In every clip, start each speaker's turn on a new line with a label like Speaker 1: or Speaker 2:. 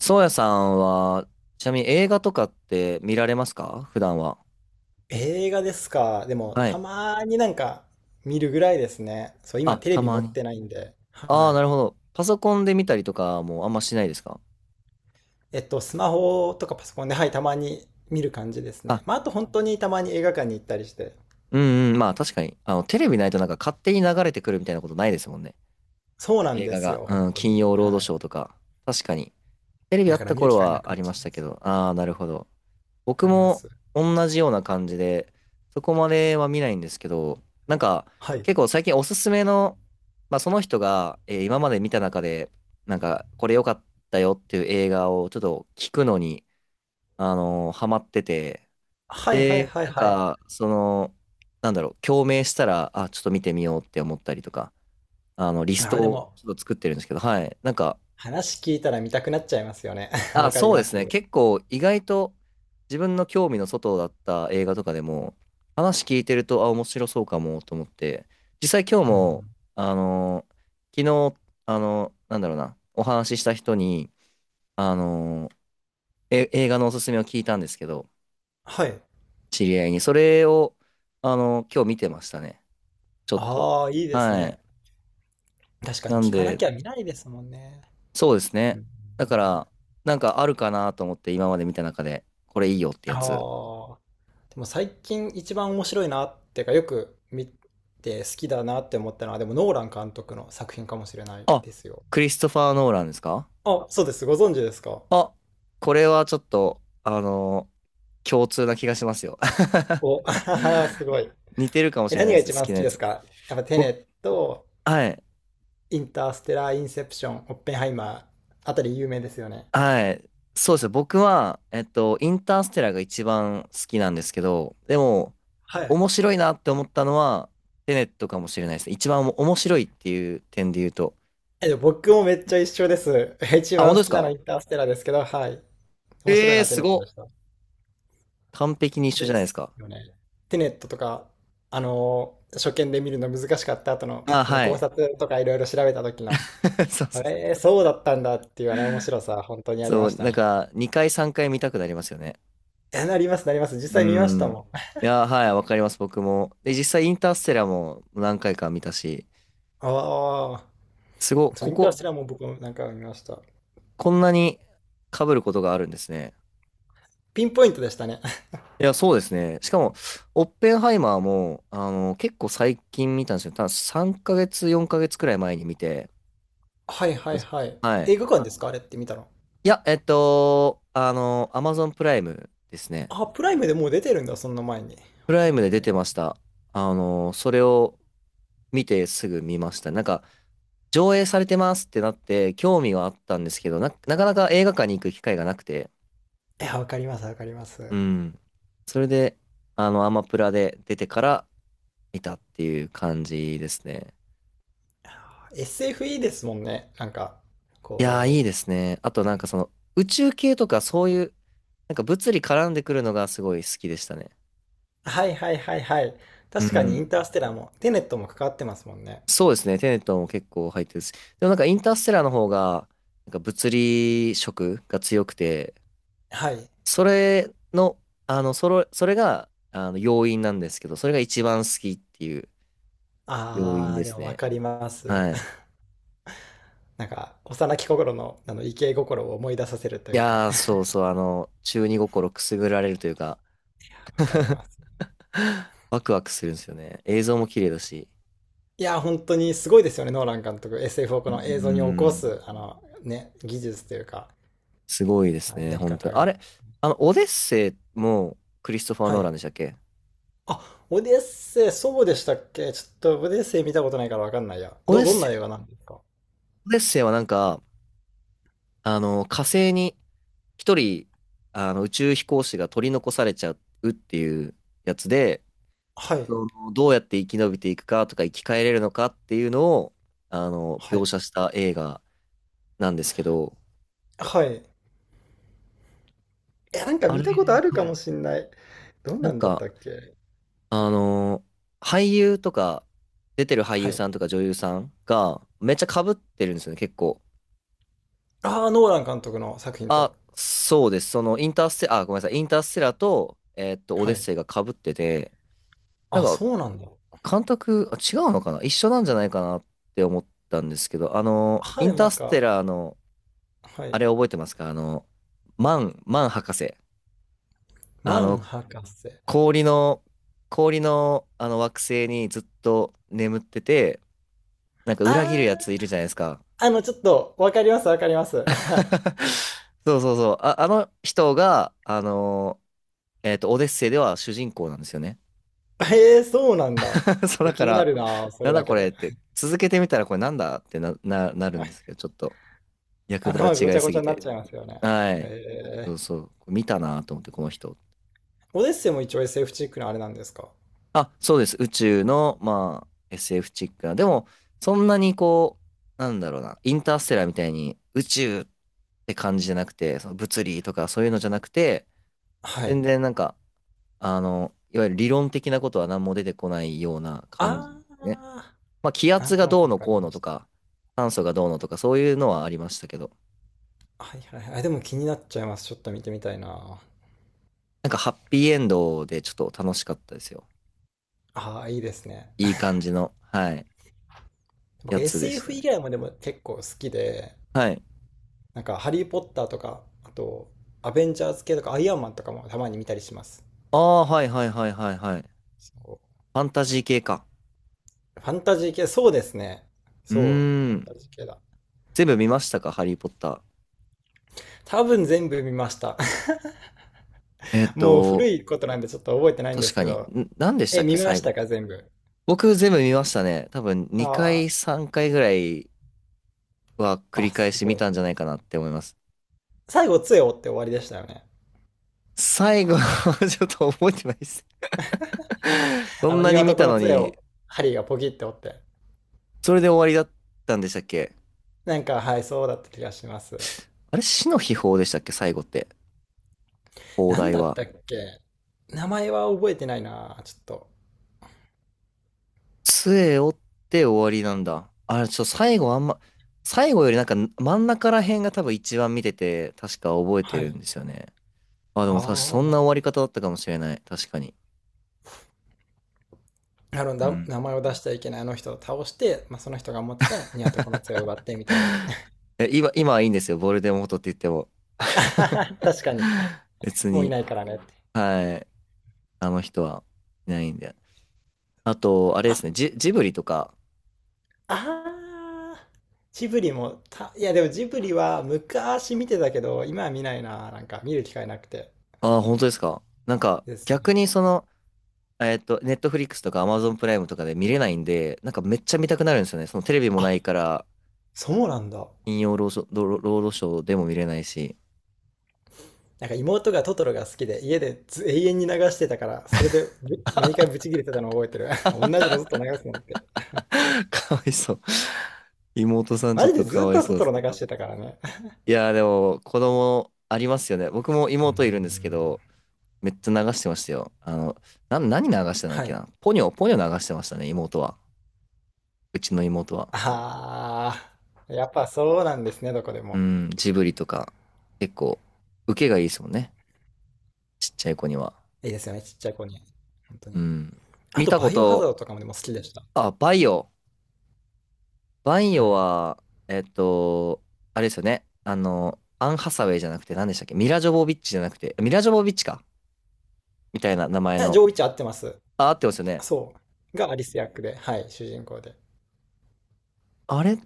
Speaker 1: そうやさんは、ちなみに映画とかって見られますか、普段は。
Speaker 2: 映画ですか。でも、
Speaker 1: は
Speaker 2: た
Speaker 1: い。
Speaker 2: まになんか見るぐらいですね。そう、
Speaker 1: あ、
Speaker 2: 今テレ
Speaker 1: た
Speaker 2: ビ
Speaker 1: ま
Speaker 2: 持っ
Speaker 1: に。
Speaker 2: てないんで。
Speaker 1: あ
Speaker 2: は
Speaker 1: あ、な
Speaker 2: い。
Speaker 1: るほど。パソコンで見たりとかもあんましないですか？
Speaker 2: スマホとかパソコンで、はい、たまに見る感じです
Speaker 1: あ、
Speaker 2: ね。まあ、あと本当にたまに映画館に行ったりして。
Speaker 1: うんうん。まあ確かに。あの、テレビないとなんか勝手に流れてくるみたいなことないですもんね。
Speaker 2: そうなん
Speaker 1: 映
Speaker 2: で
Speaker 1: 画
Speaker 2: す
Speaker 1: が。
Speaker 2: よ、本
Speaker 1: うん、
Speaker 2: 当
Speaker 1: 金
Speaker 2: に。
Speaker 1: 曜ロード
Speaker 2: は
Speaker 1: シ
Speaker 2: い。
Speaker 1: ョーとか。確かに。テレビあ
Speaker 2: だ
Speaker 1: っ
Speaker 2: から
Speaker 1: た
Speaker 2: 見る
Speaker 1: 頃
Speaker 2: 機会な
Speaker 1: は
Speaker 2: く
Speaker 1: あ
Speaker 2: なっ
Speaker 1: りま
Speaker 2: ちゃ
Speaker 1: し
Speaker 2: うん
Speaker 1: た
Speaker 2: で
Speaker 1: け
Speaker 2: すよ。
Speaker 1: ど。ああ、なるほど。
Speaker 2: わ
Speaker 1: 僕
Speaker 2: かりま
Speaker 1: も
Speaker 2: す。
Speaker 1: 同じような感じで、そこまでは見ないんですけど、なんか
Speaker 2: はい。
Speaker 1: 結構最近おすすめの、まあ、その人が、今まで見た中で、なんかこれ良かったよっていう映画をちょっと聞くのに、ハマってて、
Speaker 2: はいはい
Speaker 1: で、
Speaker 2: はい
Speaker 1: なん
Speaker 2: はい。
Speaker 1: かその、なんだろう、共鳴したら、あ、ちょっと見てみようって思ったりとか、あの、リス
Speaker 2: ああ、で
Speaker 1: トを
Speaker 2: も、
Speaker 1: ちょっと作ってるんですけど、はい。なんか、
Speaker 2: 話聞いたら見たくなっちゃいますよね。わ
Speaker 1: あ、
Speaker 2: かり
Speaker 1: そうで
Speaker 2: ま
Speaker 1: す
Speaker 2: す。
Speaker 1: ね。結構意外と自分の興味の外だった映画とかでも話聞いてると、あ、面白そうかもと思って、実際今日
Speaker 2: うん。
Speaker 1: も、あのー昨日、なんだろうな、お話しした人に、あのーえ、映画のおすすめを聞いたんですけど、
Speaker 2: はい。
Speaker 1: 知り合いに。それを、今日見てましたね。ちょっと。
Speaker 2: ああ、いいです
Speaker 1: は
Speaker 2: ね。
Speaker 1: い。
Speaker 2: 確か
Speaker 1: な
Speaker 2: に
Speaker 1: ん
Speaker 2: 聞かな
Speaker 1: で、
Speaker 2: きゃ見ないですもんね。
Speaker 1: そうです
Speaker 2: う
Speaker 1: ね。
Speaker 2: ん。
Speaker 1: だから、なんかあるかなと思って今まで見た中で、これいいよって
Speaker 2: あ
Speaker 1: やつ。
Speaker 2: あ。でも最近一番面白いなっていうか、よく見て好きだなって思ったのは、でもノーラン監督の作品かもしれない
Speaker 1: あ、
Speaker 2: ですよ。
Speaker 1: クリストファー・ノーランですか？
Speaker 2: あ、そうです。ご存知ですか？
Speaker 1: あ、これはちょっと、共通な気がしますよ。
Speaker 2: お、あははす ごい。
Speaker 1: 似てるかも
Speaker 2: え、
Speaker 1: しれな
Speaker 2: 何
Speaker 1: いで
Speaker 2: が
Speaker 1: す、
Speaker 2: 一
Speaker 1: 好
Speaker 2: 番
Speaker 1: き
Speaker 2: 好
Speaker 1: な
Speaker 2: き
Speaker 1: や
Speaker 2: です
Speaker 1: つ。
Speaker 2: か？やっぱテネ
Speaker 1: 僕、
Speaker 2: ット、
Speaker 1: はい、
Speaker 2: インターステラー、インセプション、オッペンハイマーあたり有名ですよね。
Speaker 1: はい。そうですね。僕は、えっと、インターステラーが一番好きなんですけど、でも、
Speaker 2: はい。
Speaker 1: 面白いなって思ったのは、テネットかもしれないですね。一番面白いっていう点で言うと。
Speaker 2: え、でも僕もめっちゃ一緒です。一
Speaker 1: あ、本
Speaker 2: 番
Speaker 1: 当
Speaker 2: 好
Speaker 1: です
Speaker 2: きなのイ
Speaker 1: か？
Speaker 2: ンターステラーですけど、はい。面白い
Speaker 1: ええー、
Speaker 2: な、テ
Speaker 1: す
Speaker 2: ネット
Speaker 1: ご
Speaker 2: でし
Speaker 1: っ。
Speaker 2: た。
Speaker 1: 完璧に一緒じゃ
Speaker 2: で
Speaker 1: ないです
Speaker 2: す
Speaker 1: か。
Speaker 2: よね。テネットとか、初見で見るの難しかった後の、
Speaker 1: あ、
Speaker 2: この
Speaker 1: は
Speaker 2: 考
Speaker 1: い。
Speaker 2: 察とかいろいろ調べた時の、
Speaker 1: そうそうそう。
Speaker 2: そうだったんだっていうあの面白さ、本当にあり
Speaker 1: そ
Speaker 2: ま
Speaker 1: う、
Speaker 2: した
Speaker 1: なん
Speaker 2: ね。
Speaker 1: か、2回3回見たくなりますよね。
Speaker 2: え、なります、なります。実
Speaker 1: う
Speaker 2: 際見ました
Speaker 1: ん。
Speaker 2: もん。
Speaker 1: いやー、はい、わかります、僕も。で、実際、インターステラーも何回か見たし、
Speaker 2: ああ、
Speaker 1: すごい、
Speaker 2: そう、
Speaker 1: こ
Speaker 2: インター
Speaker 1: こ、
Speaker 2: ステラーも僕もなんか見ました。
Speaker 1: こんなに被ることがあるんですね。
Speaker 2: ピンポイントでしたね。
Speaker 1: いや、そうですね。しかも、オッペンハイマーも、あの、結構最近見たんですよ。多分3ヶ月、4ヶ月くらい前に見て。
Speaker 2: はいはいはい。
Speaker 1: はい。
Speaker 2: 映画館ですか？あれって見たの。
Speaker 1: いや、えっと、あの、アマゾンプライムですね。
Speaker 2: あ、プライムでもう出てるんだ、そんな前に。
Speaker 1: プライムで出
Speaker 2: え
Speaker 1: てました。あの、それを見てすぐ見ました。なんか、上映されてますってなって、興味はあったんですけど、なかなか映画館に行く機会がなくて、
Speaker 2: ー、いやわかります、わかります。
Speaker 1: うん。それで、あの、アマプラで出てから見たっていう感じですね。
Speaker 2: SF いいですもんね。なんか、
Speaker 1: いやー、いい
Speaker 2: こ
Speaker 1: で
Speaker 2: う、
Speaker 1: すね。あとなんかその、宇宙系とかそういう、なんか物理絡んでくるのがすごい好きでしたね。
Speaker 2: はいはいはいはい。
Speaker 1: う
Speaker 2: 確かにイン
Speaker 1: ん。
Speaker 2: ターステラーも、テネットも関わってますもんね。
Speaker 1: そうですね。テネットも結構入ってるし。でもなんかインターステラーの方が、なんか物理色が強くて、
Speaker 2: はい。
Speaker 1: それの、あの、それが、あの、要因なんですけど、それが一番好きっていう要因
Speaker 2: あー、
Speaker 1: で
Speaker 2: で
Speaker 1: す
Speaker 2: もわ
Speaker 1: ね。
Speaker 2: かります。
Speaker 1: はい。
Speaker 2: なんか、幼き心の、あの、イケイ心を思い出させると
Speaker 1: い
Speaker 2: いうか、
Speaker 1: やー、そ うそう、あの、中二心くすぐられるというか、
Speaker 2: わかります。
Speaker 1: ワクワクするんですよね。映像も綺麗だし。
Speaker 2: いやー、本当にすごいですよね、ノーラン監督。SF をこ
Speaker 1: うー
Speaker 2: の映像に起こ
Speaker 1: ん、
Speaker 2: す、あの、ね、技術というか、
Speaker 1: すごいです
Speaker 2: はい、
Speaker 1: ね、
Speaker 2: やり
Speaker 1: 本当
Speaker 2: 方
Speaker 1: に。あ
Speaker 2: が。
Speaker 1: れ、あの、オデッセイもクリストファー・
Speaker 2: は
Speaker 1: ノーラ
Speaker 2: い。
Speaker 1: ンでしたっけ？
Speaker 2: あ、オデッセイ、そうでしたっけ？ちょっとオデッセイ見たことないからわかんないや。
Speaker 1: オデッ
Speaker 2: どん
Speaker 1: セ
Speaker 2: な映画
Speaker 1: イ、
Speaker 2: なんですか？
Speaker 1: オデッセイはなんか、あの、火星に一人、あの、宇宙飛行士が取り残されちゃうっていうやつで、
Speaker 2: はい。
Speaker 1: その、どうやって生き延びていくかとか生き返れるのかっていうのを、あの、
Speaker 2: は
Speaker 1: 描
Speaker 2: い。
Speaker 1: 写した映画なんですけど、
Speaker 2: はい。え、なんか
Speaker 1: あ
Speaker 2: 見
Speaker 1: れ、は
Speaker 2: たことあるか
Speaker 1: い。
Speaker 2: もしんない。どん
Speaker 1: なん
Speaker 2: なんだっ
Speaker 1: か、
Speaker 2: たっけ？
Speaker 1: あの、俳優とか、出てる俳
Speaker 2: は
Speaker 1: 優さ
Speaker 2: い。
Speaker 1: んとか女優さんが、めっちゃ被ってるんですよね、結構。
Speaker 2: ああ、ノーラン監督の作品と。
Speaker 1: あ、そうです。その、インターステ、あ、ごめんなさい、インターステラと、えーっと、オ
Speaker 2: は
Speaker 1: デッ
Speaker 2: い。
Speaker 1: セイが被ってて、なん
Speaker 2: あ、
Speaker 1: か、
Speaker 2: そうなんだ。
Speaker 1: 監督、あ、違うのかな、一緒なんじゃないかなって思ったんですけど、あの、
Speaker 2: ああ、
Speaker 1: イ
Speaker 2: で
Speaker 1: ン
Speaker 2: も
Speaker 1: タ
Speaker 2: な
Speaker 1: ー
Speaker 2: ん
Speaker 1: ステ
Speaker 2: か、
Speaker 1: ラーの、
Speaker 2: は
Speaker 1: あ
Speaker 2: い。
Speaker 1: れ覚えてますか？あの、マン博士。あ
Speaker 2: マン
Speaker 1: の、
Speaker 2: 博士。
Speaker 1: 氷の、氷の、あの惑星にずっと眠ってて、なんか裏切る
Speaker 2: あ
Speaker 1: やついるじゃないですか。
Speaker 2: あ、あの、ちょっと、わかります、わかります。
Speaker 1: そうそうそう。あ、あの人が、あの、えっと、オデッセイでは主人公なんですよね。
Speaker 2: ええー、そうなんだ。ちょっ
Speaker 1: そう、
Speaker 2: と
Speaker 1: だか
Speaker 2: 気にな
Speaker 1: ら、
Speaker 2: るな、そ
Speaker 1: な
Speaker 2: れ
Speaker 1: んだ
Speaker 2: だ
Speaker 1: こ
Speaker 2: け
Speaker 1: れっ
Speaker 2: で。
Speaker 1: て、続けてみたらこれなんだってな、なるんです けど、ちょっと役柄
Speaker 2: 頭がご
Speaker 1: 違
Speaker 2: ち
Speaker 1: い
Speaker 2: ゃご
Speaker 1: す
Speaker 2: ちゃ
Speaker 1: ぎ
Speaker 2: になっち
Speaker 1: て。
Speaker 2: ゃいますよね。
Speaker 1: はい。
Speaker 2: え
Speaker 1: そ
Speaker 2: え
Speaker 1: う
Speaker 2: ー。
Speaker 1: そう。見たなと思って、この人。
Speaker 2: オデッセイも一応 SF チックのあれなんですか？
Speaker 1: あ、そうです。宇宙の、まあ、SF チックな。でも、そんなにこう、なんだろうな、インターステラーみたいに宇宙って感じじゃなくて、その物理とかそういうのじゃなくて、
Speaker 2: はい。
Speaker 1: 全然なんか、あの、いわゆる理論的なことは何も出てこないような感じですね。
Speaker 2: あ
Speaker 1: まあ、気
Speaker 2: あ、な
Speaker 1: 圧
Speaker 2: んと
Speaker 1: が
Speaker 2: な
Speaker 1: どう
Speaker 2: くわ
Speaker 1: の
Speaker 2: かり
Speaker 1: こうの
Speaker 2: まし
Speaker 1: と
Speaker 2: た。
Speaker 1: か、酸素がどうのとか、そういうのはありましたけど、
Speaker 2: はいはいはい。でも気になっちゃいます。ちょっと見てみたいな。
Speaker 1: なんかハッピーエンドでちょっと楽しかったですよ。
Speaker 2: ああ、いいですね。
Speaker 1: いい 感じの、はい、
Speaker 2: 僕
Speaker 1: やつでした
Speaker 2: SF 以
Speaker 1: ね。
Speaker 2: 外もでも結構好きで、
Speaker 1: はい。
Speaker 2: なんかハリー・ポッターとか、あとアベンジャーズ系とかアイアンマンとかもたまに見たりします。
Speaker 1: ああ、はいはいはいはいはい。フ
Speaker 2: そ
Speaker 1: ァンタジー系か。
Speaker 2: うファンタジー系、そうですね。
Speaker 1: う
Speaker 2: そう、フ
Speaker 1: ー
Speaker 2: ァン
Speaker 1: ん。
Speaker 2: タジー系だ。
Speaker 1: 全部見ましたか、ハリー・ポッタ
Speaker 2: 多分全部見ました。
Speaker 1: ー。えー っ
Speaker 2: もう古
Speaker 1: と、
Speaker 2: いことなんでちょっと覚えてないんで
Speaker 1: 確
Speaker 2: す
Speaker 1: か
Speaker 2: け
Speaker 1: に。
Speaker 2: ど。
Speaker 1: ん、何でした
Speaker 2: え、
Speaker 1: っけ、
Speaker 2: 見ま
Speaker 1: 最
Speaker 2: した
Speaker 1: 後。
Speaker 2: か、全部。
Speaker 1: 僕全部見ましたね。多分2
Speaker 2: あ
Speaker 1: 回、3回ぐらいは繰
Speaker 2: あ、あ、
Speaker 1: り返
Speaker 2: す
Speaker 1: し見
Speaker 2: ごい。
Speaker 1: たんじゃないかなって思います。
Speaker 2: 最後、杖を折って終わりでしたよね。
Speaker 1: 最後 ちょっと覚えてないです。そ
Speaker 2: あ
Speaker 1: ん
Speaker 2: の、
Speaker 1: なに
Speaker 2: 庭
Speaker 1: 見
Speaker 2: 床
Speaker 1: た
Speaker 2: の
Speaker 1: の
Speaker 2: 杖を、
Speaker 1: に、
Speaker 2: ハリーがポキって折って。
Speaker 1: それで終わりだったんでしたっけ？
Speaker 2: なんか、はい、そうだった気がします。
Speaker 1: あれ、死の秘宝でしたっけ、最後って。放
Speaker 2: なん
Speaker 1: 題
Speaker 2: だっ
Speaker 1: は。
Speaker 2: たっけ？名前は覚えてないな、ちょっと。
Speaker 1: 杖折って終わりなんだ。あれ、ちょ、最後あんま、最後よりなんか真ん中ら辺が多分一番見てて、確か覚えて
Speaker 2: は
Speaker 1: るん
Speaker 2: い。
Speaker 1: ですよね。あ、でも確か
Speaker 2: ああ、
Speaker 1: そん
Speaker 2: ま
Speaker 1: な終
Speaker 2: あ
Speaker 1: わり方だったかもしれない。確かに。
Speaker 2: なるほ
Speaker 1: う
Speaker 2: ど。
Speaker 1: ん。
Speaker 2: 名前を出しちゃいけないあの人を倒して、まあ、その人が持ってたニワトコの 杖を奪ってみたいな。
Speaker 1: え、今はいいんですよ。ボルデモートって言っても。
Speaker 2: 確かに。
Speaker 1: 別
Speaker 2: もうい
Speaker 1: に。
Speaker 2: ないからねって。
Speaker 1: はい。あの人はいないんで。あと、あれで
Speaker 2: あ、
Speaker 1: すね。ジブリとか。
Speaker 2: ああ、ジブリもた、いやでもジブリは昔見てたけど、今は見ないな。なんか見る機会なくて
Speaker 1: ああ、本当ですか。なんか、
Speaker 2: ですね。
Speaker 1: 逆にその、えっと、ネットフリックスとかアマゾンプライムとかで見れないんで、なんかめっちゃ見たくなるんですよね。そのテレビもな
Speaker 2: あ、
Speaker 1: いから、
Speaker 2: そうなんだ。
Speaker 1: 金曜ロードショー、ロロードショーでも見れないし、
Speaker 2: なんか妹がトトロが好きで家でず永遠に流してたからそれで毎回ブチ切れてたのを覚えてる 同じのずっと流すのって、
Speaker 1: かわいそう。妹さんち
Speaker 2: マ
Speaker 1: ょっ
Speaker 2: ジで
Speaker 1: とか
Speaker 2: ずっ
Speaker 1: わい
Speaker 2: と
Speaker 1: そ
Speaker 2: ト
Speaker 1: うで
Speaker 2: ト
Speaker 1: す。
Speaker 2: ロ流してたからね。
Speaker 1: いやーでも、子供ありますよね。僕も
Speaker 2: うー
Speaker 1: 妹いるんですけ
Speaker 2: ん。
Speaker 1: ど、めっちゃ流してましたよ。あの、何流してたんだっ
Speaker 2: は
Speaker 1: け
Speaker 2: い。
Speaker 1: な。ポニョ流してましたね、妹は。うちの妹は。
Speaker 2: ああ、やっぱそうなんですね、どこで
Speaker 1: う
Speaker 2: も。
Speaker 1: ん、ジブリとか、結構、受けがいいですもんね。ちっちゃい子には。
Speaker 2: いいですよねちっちゃい子に、本当
Speaker 1: う
Speaker 2: に。
Speaker 1: ん。
Speaker 2: あ
Speaker 1: 見
Speaker 2: と
Speaker 1: たこ
Speaker 2: バイオハザー
Speaker 1: と、
Speaker 2: ドとかもでも好きでした。
Speaker 1: あ、バイオ。バイ
Speaker 2: は
Speaker 1: オ
Speaker 2: い。
Speaker 1: は、えっと、あれですよね。あの、アン・ハサウェイじゃなくて、何でしたっけ、ミラ・ジョボビッチじゃなくて、ミラ・ジョボビッチか、みたいな名前
Speaker 2: えジョー・
Speaker 1: の。
Speaker 2: ウィッチ合ってます？
Speaker 1: あ、合ってますよね。
Speaker 2: そうが、アリス役で、はい、主人公で
Speaker 1: あれ、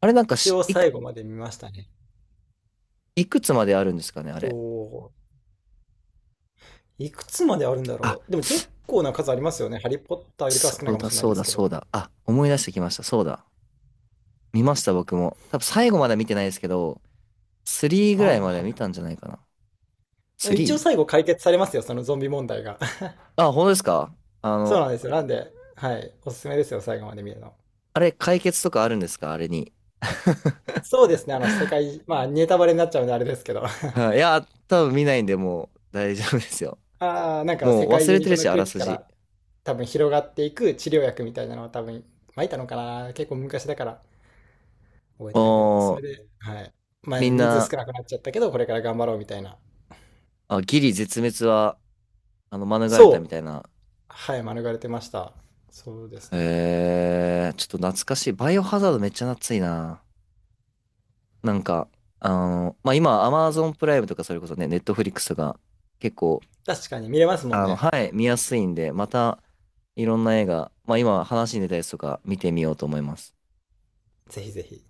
Speaker 1: あれなんか、
Speaker 2: 一
Speaker 1: し、
Speaker 2: 応
Speaker 1: いく、
Speaker 2: 最後まで見ましたね。
Speaker 1: いくつまであるんですかね、あれ。
Speaker 2: と、いくつまであるんだ
Speaker 1: あ、
Speaker 2: ろう。でも結構な数ありますよね。ハリー・ポッターよりかは
Speaker 1: そ
Speaker 2: 少ない
Speaker 1: う
Speaker 2: かも
Speaker 1: だ、
Speaker 2: しれない
Speaker 1: そう
Speaker 2: です
Speaker 1: だ、
Speaker 2: けど。
Speaker 1: そうだ。あ、思い出してきました。そうだ。見ました、僕も。多分最後まで見てないですけど、3ぐ
Speaker 2: あ
Speaker 1: ら
Speaker 2: あ、
Speaker 1: いまで
Speaker 2: は
Speaker 1: 見
Speaker 2: い
Speaker 1: たんじゃないかな。
Speaker 2: は
Speaker 1: 3?
Speaker 2: い。一応最後解決されますよ、そのゾンビ問題が。
Speaker 1: あ、本当ですか？あ
Speaker 2: そう
Speaker 1: の、
Speaker 2: なんですよ。なんで、はい。おすすめですよ、最後まで見るの。
Speaker 1: あれ、解決とかあるんですかあれに。
Speaker 2: そうですね、あの、世界、まあ、ネタバレになっちゃうんであれですけど。
Speaker 1: はい、いや、多分見ないんで、もう大丈夫ですよ。
Speaker 2: ああ、なんか
Speaker 1: も
Speaker 2: 世
Speaker 1: う
Speaker 2: 界
Speaker 1: 忘
Speaker 2: 中
Speaker 1: れ
Speaker 2: に
Speaker 1: て
Speaker 2: こ
Speaker 1: る
Speaker 2: の
Speaker 1: し、あ
Speaker 2: 空
Speaker 1: ら
Speaker 2: 気
Speaker 1: す
Speaker 2: か
Speaker 1: じ。
Speaker 2: ら多分広がっていく治療薬みたいなのを多分撒いたのかな。結構昔だから覚えてないけど。そ
Speaker 1: も
Speaker 2: れ
Speaker 1: う、
Speaker 2: で、はい。まあ、
Speaker 1: みん
Speaker 2: 人数
Speaker 1: な、
Speaker 2: 少なくなっちゃったけど、これから頑張ろうみたいな。
Speaker 1: あ、ギリ絶滅は、あの、免れた
Speaker 2: そ
Speaker 1: み
Speaker 2: う。
Speaker 1: たいな。
Speaker 2: はい、免れてました。そうですね。
Speaker 1: へえー、ちょっと懐かしい。バイオハザードめっちゃ懐いな。なんか、あの、まあ、今、アマゾンプライムとかそれこそね、ネットフリックスとか、結構、
Speaker 2: 確かに見れますもん
Speaker 1: あの、
Speaker 2: ね。
Speaker 1: はい、見やすいんで、また、いろんな映画、まあ、今話に出たやつとか見てみようと思います。
Speaker 2: ぜひぜひ。